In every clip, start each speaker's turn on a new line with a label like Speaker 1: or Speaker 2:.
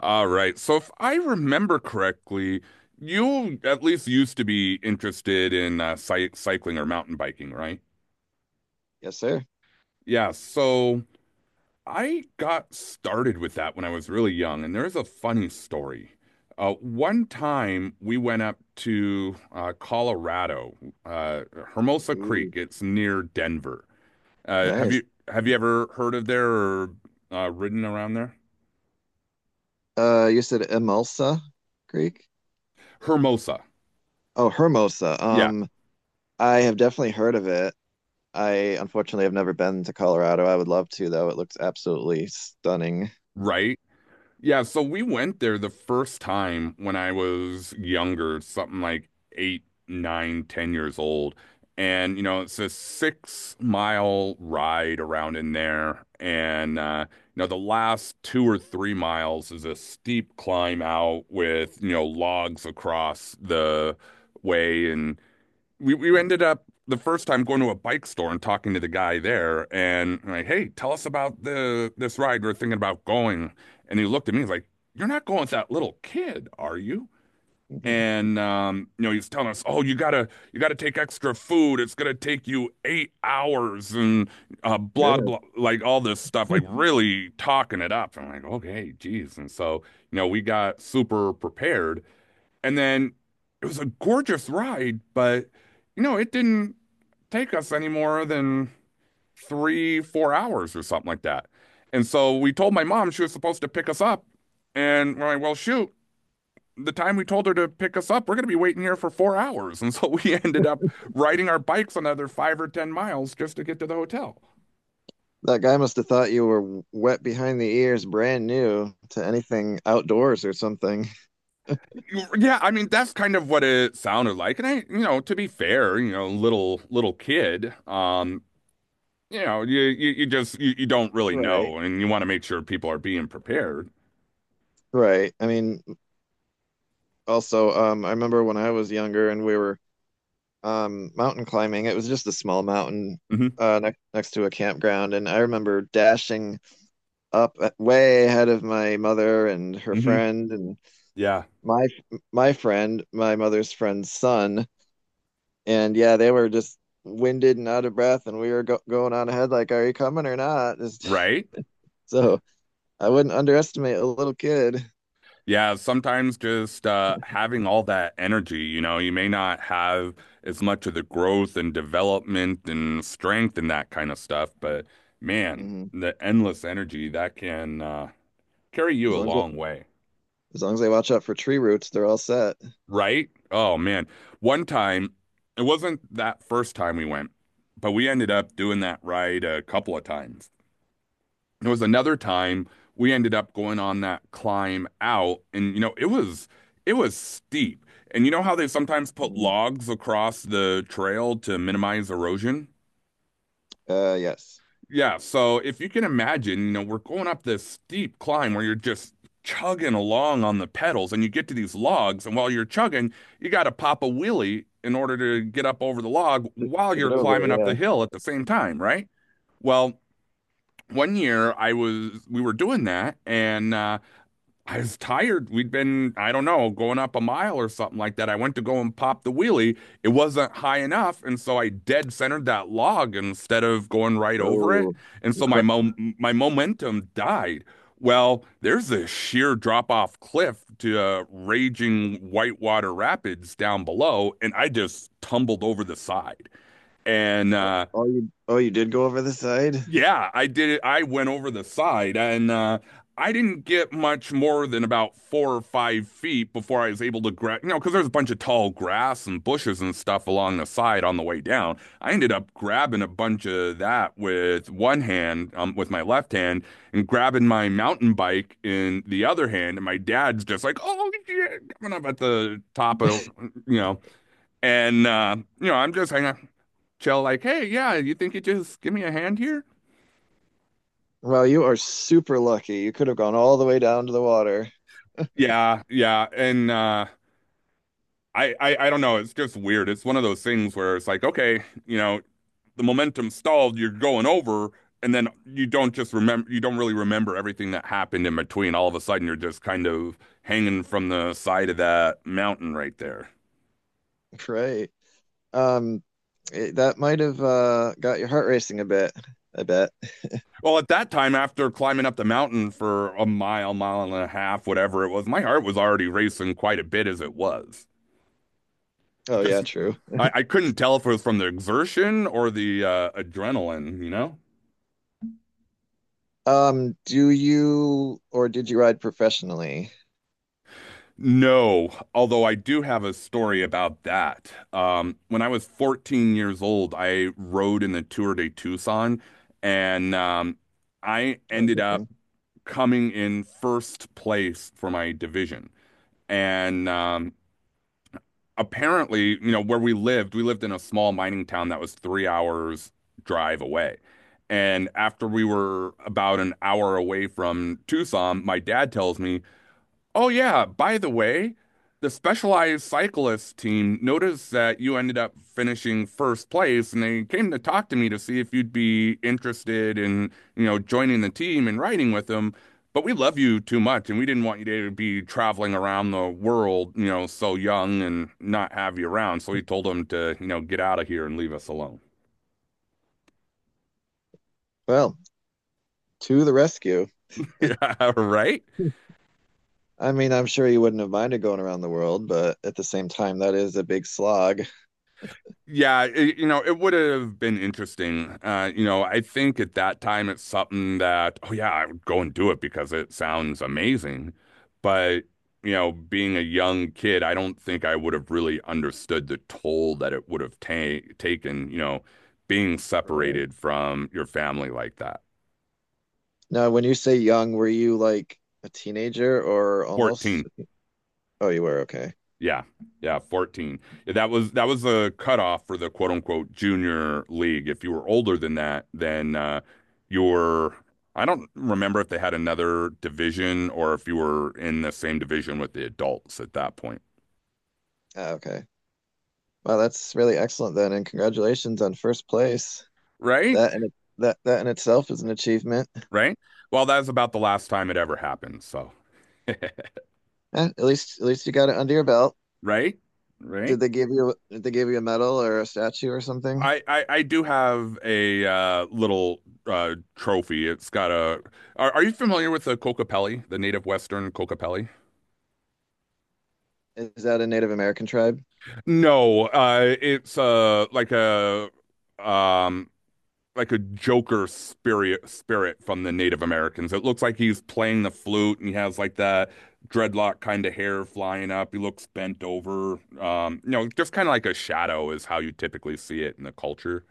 Speaker 1: All right. So if I remember correctly, you at least used to be interested in cy cycling or mountain biking, right?
Speaker 2: Yes, sir.
Speaker 1: Yeah. So I got started with that when I was really young, and there's a funny story. One time we went up to Colorado, uh, Hermosa Creek.
Speaker 2: Ooh,
Speaker 1: It's near Denver. Uh, have
Speaker 2: nice.
Speaker 1: you have you ever heard of there or ridden around there?
Speaker 2: You said Emulsa Greek?
Speaker 1: Hermosa.
Speaker 2: Oh, Hermosa.
Speaker 1: Yeah.
Speaker 2: I have definitely heard of it. I unfortunately have never been to Colorado. I would love to, though. It looks absolutely stunning.
Speaker 1: Right. Yeah, so we went there the first time when I was younger, something like 8, 9, 10 years old. And, you know, it's a 6 mile ride around in there. And, you know, the last 2 or 3 miles is a steep climb out with, you know, logs across the way. And, we ended up the first time going to a bike store and talking to the guy there and I'm like, hey, tell us about the this ride we're thinking about going. And he looked at me, he's like, you're not going with that little kid, are you?
Speaker 2: Mhm.
Speaker 1: And you know, he's telling us, oh, you gotta take extra food. It's gonna take you 8 hours and blah
Speaker 2: Goodness.
Speaker 1: blah, like all this stuff, like really talking it up. I'm like, okay, geez. And so, you know, we got super prepared. And then it was a gorgeous ride, but you know, it didn't take us any more than 3, 4 hours or something like that. And so we told my mom she was supposed to pick us up. And we're like, well, shoot, the time we told her to pick us up, we're going to be waiting here for 4 hours. And so we ended up riding our bikes another 5 or 10 miles just to get to the hotel.
Speaker 2: That guy must have thought you were wet behind the ears, brand new to anything outdoors or something.
Speaker 1: Yeah, I mean that's kind of what it sounded like. And I, you know, to be fair, you know, little kid, you know, you don't really
Speaker 2: Right.
Speaker 1: know, and you want to make sure people are being prepared.
Speaker 2: Right. I mean, also, I remember when I was younger and we were mountain climbing. It was just a small mountain
Speaker 1: Hmm.
Speaker 2: next to a campground, and I remember dashing up way ahead of my mother and her
Speaker 1: Hmm.
Speaker 2: friend and
Speaker 1: Yeah.
Speaker 2: my my friend, my mother's friend's son. And yeah, they were just winded and out of breath, and we were go going on ahead like, are you coming or not? Just,
Speaker 1: Right.
Speaker 2: so I wouldn't underestimate a little kid.
Speaker 1: Yeah. Sometimes just having all that energy, you know, you may not have as much of the growth and development and strength and that kind of stuff, but man,
Speaker 2: Mhm.
Speaker 1: the endless energy that can carry you
Speaker 2: As
Speaker 1: a
Speaker 2: long as they,
Speaker 1: long way.
Speaker 2: as long as they watch out for tree roots, they're all set.
Speaker 1: Right. Oh man. One time, it wasn't that first time we went, but we ended up doing that ride a couple of times. There was another time we ended up going on that climb out, and you know, it was steep. And you know how they sometimes put
Speaker 2: Mhm.
Speaker 1: logs across the trail to minimize erosion?
Speaker 2: Uh, yes.
Speaker 1: Yeah, so if you can imagine, you know, we're going up this steep climb where you're just chugging along on the pedals and you get to these logs, and while you're chugging, you got to pop a wheelie in order to get up over the log while
Speaker 2: Took it
Speaker 1: you're
Speaker 2: over,
Speaker 1: climbing up
Speaker 2: yeah.
Speaker 1: the hill at the same time, right? Well, one year I was we were doing that and I was tired. We'd been, I don't know, going up a mile or something like that. I went to go and pop the wheelie. It wasn't high enough, and so I dead centered that log instead of going right over it.
Speaker 2: Oh,
Speaker 1: And
Speaker 2: you
Speaker 1: so
Speaker 2: cr
Speaker 1: my momentum died. Well, there's a sheer drop off cliff to raging whitewater rapids down below, and I just tumbled over the side. And
Speaker 2: Oh, oh, you did go over the side?
Speaker 1: yeah, I did it. I went over the side and I didn't get much more than about 4 or 5 feet before I was able to grab, you know, because there's a bunch of tall grass and bushes and stuff along the side on the way down. I ended up grabbing a bunch of that with one hand, with my left hand, and grabbing my mountain bike in the other hand. And my dad's just like, oh, yeah, coming up at the top of, you know, and, you know, I'm just hanging out, chill, like, hey, yeah, you think you just give me a hand here?
Speaker 2: Well, you are super lucky. You could have gone all the way down to the water.
Speaker 1: Yeah, yeah. And I don't know, it's just weird. It's one of those things where it's like, okay, you know, the momentum stalled, you're going over, and then you don't really remember everything that happened in between. All of a sudden you're just kind of hanging from the side of that mountain right there.
Speaker 2: Great. Um, it, that might have got your heart racing a bit, I bet.
Speaker 1: Well, at that time, after climbing up the mountain for a mile, mile and a half, whatever it was, my heart was already racing quite a bit as it was.
Speaker 2: Oh yeah,
Speaker 1: Just
Speaker 2: true.
Speaker 1: I couldn't tell if it was from the exertion or the adrenaline, you know?
Speaker 2: Do you or did you ride professionally?
Speaker 1: No, although I do have a story about that. When I was 14 years old, I rode in the Tour de Tucson, and I
Speaker 2: Oh,
Speaker 1: ended up
Speaker 2: interesting.
Speaker 1: coming in first place for my division. And apparently, you know, where we lived in a small mining town that was 3 hours drive away. And after we were about an hour away from Tucson, my dad tells me, oh yeah, by the way, the specialized cyclist team noticed that you ended up finishing first place and they came to talk to me to see if you'd be interested in, you know, joining the team and riding with them. But we love you too much and we didn't want you to be traveling around the world, you know, so young and not have you around. So we told them to, you know, get out of here and leave us alone.
Speaker 2: Well, to the rescue.
Speaker 1: Yeah, right?
Speaker 2: Hmm. I mean, I'm sure you wouldn't have minded going around the world, but at the same time, that is a big slog.
Speaker 1: Yeah, it would have been interesting. You know, I think at that time it's something that, oh yeah, I would go and do it because it sounds amazing. But, you know, being a young kid, I don't think I would have really understood the toll that it would have ta taken, you know, being
Speaker 2: Right.
Speaker 1: separated from your family like that.
Speaker 2: Now, when you say young, were you like a teenager or almost
Speaker 1: 14.
Speaker 2: a— Oh, you were, okay.
Speaker 1: Yeah, yeah, 14. Yeah, that was the cutoff for the quote unquote junior league. If you were older than that, then you were. I don't remember if they had another division or if you were in the same division with the adults at that point.
Speaker 2: Ah, okay. Well, that's really excellent then, and congratulations on first place.
Speaker 1: Right,
Speaker 2: That that in itself is an achievement.
Speaker 1: right. Well, that's about the last time it ever happened. So,
Speaker 2: Eh, at least you got it under your belt.
Speaker 1: right, right.
Speaker 2: Did they give you a medal or a statue or something?
Speaker 1: I do have a little trophy. It's got a. Are you familiar with the Kokapelli, the native Western Kokapelli?
Speaker 2: Is that a Native American tribe?
Speaker 1: No, it's um like a Joker spirit from the Native Americans. It looks like he's playing the flute and he has like that dreadlock kind of hair flying up. He looks bent over. You know, just kind of like a shadow is how you typically see it in the culture.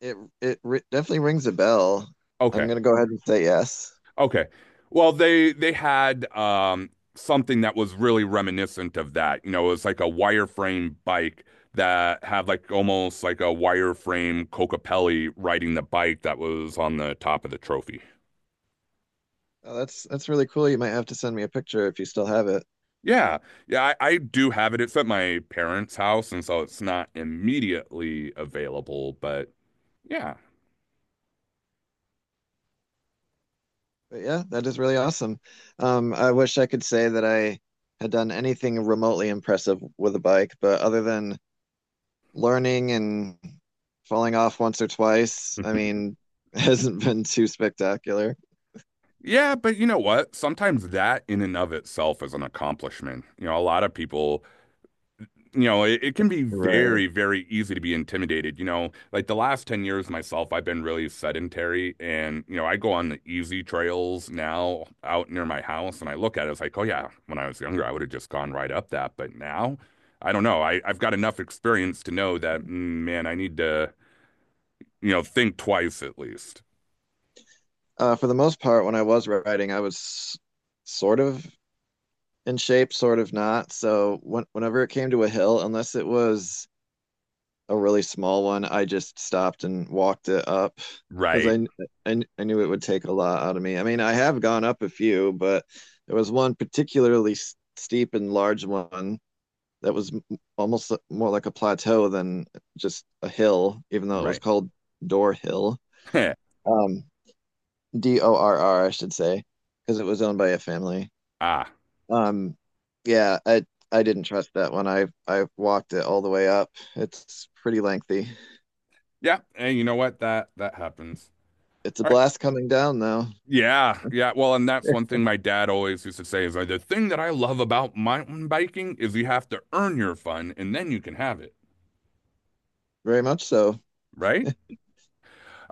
Speaker 2: It ri Definitely rings a bell. I'm
Speaker 1: Okay.
Speaker 2: gonna go ahead and say yes.
Speaker 1: Okay. Well, they had something that was really reminiscent of that. You know, it was like a wireframe bike that had like almost like a wireframe Cocapelli riding the bike that was on the top of the trophy.
Speaker 2: Oh, that's really cool. You might have to send me a picture if you still have it.
Speaker 1: Yeah. Yeah, I do have it. It's at my parents' house, and so it's not immediately available, but yeah.
Speaker 2: But yeah, that is really awesome. I wish I could say that I had done anything remotely impressive with a bike, but other than learning and falling off once or twice. I mean, hasn't been too spectacular.
Speaker 1: Yeah, but you know what? Sometimes that in and of itself is an accomplishment. You know, a lot of people, you know, it can be
Speaker 2: Right.
Speaker 1: very, very easy to be intimidated. You know, like the last 10 years myself, I've been really sedentary and, you know, I go on the easy trails now out near my house and I look at it, it's like, oh yeah, when I was younger, I would have just gone right up that. But now, I don't know. I've got enough experience to know that, man, I need to, you know, think twice at least.
Speaker 2: For the most part, when I was writing, I was sort of in shape, sort of not. So whenever it came to a hill, unless it was a really small one, I just stopped and walked it up because
Speaker 1: Right,
Speaker 2: I knew it would take a lot out of me. I mean, I have gone up a few, but there was one particularly steep and large one that was almost more like a plateau than just a hill, even though it was
Speaker 1: right.
Speaker 2: called Door Hill. Um, Dorr, I should say, because it was owned by a family.
Speaker 1: Ah,
Speaker 2: Um, yeah, I didn't trust that one. I walked it all the way up. It's pretty lengthy.
Speaker 1: yeah. And you know what? That happens.
Speaker 2: It's a
Speaker 1: All right.
Speaker 2: blast coming down though,
Speaker 1: Yeah, yeah. Well, and that's one thing my dad always used to say is like, the thing that I love about mountain biking is you have to earn your fun and then you can have it,
Speaker 2: very much so.
Speaker 1: right?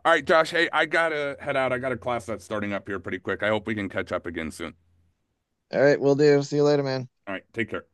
Speaker 1: All right, Josh, hey, I gotta head out. I got a class that's starting up here pretty quick. I hope we can catch up again soon.
Speaker 2: All right, we'll do. See you later, man.
Speaker 1: All right, take care.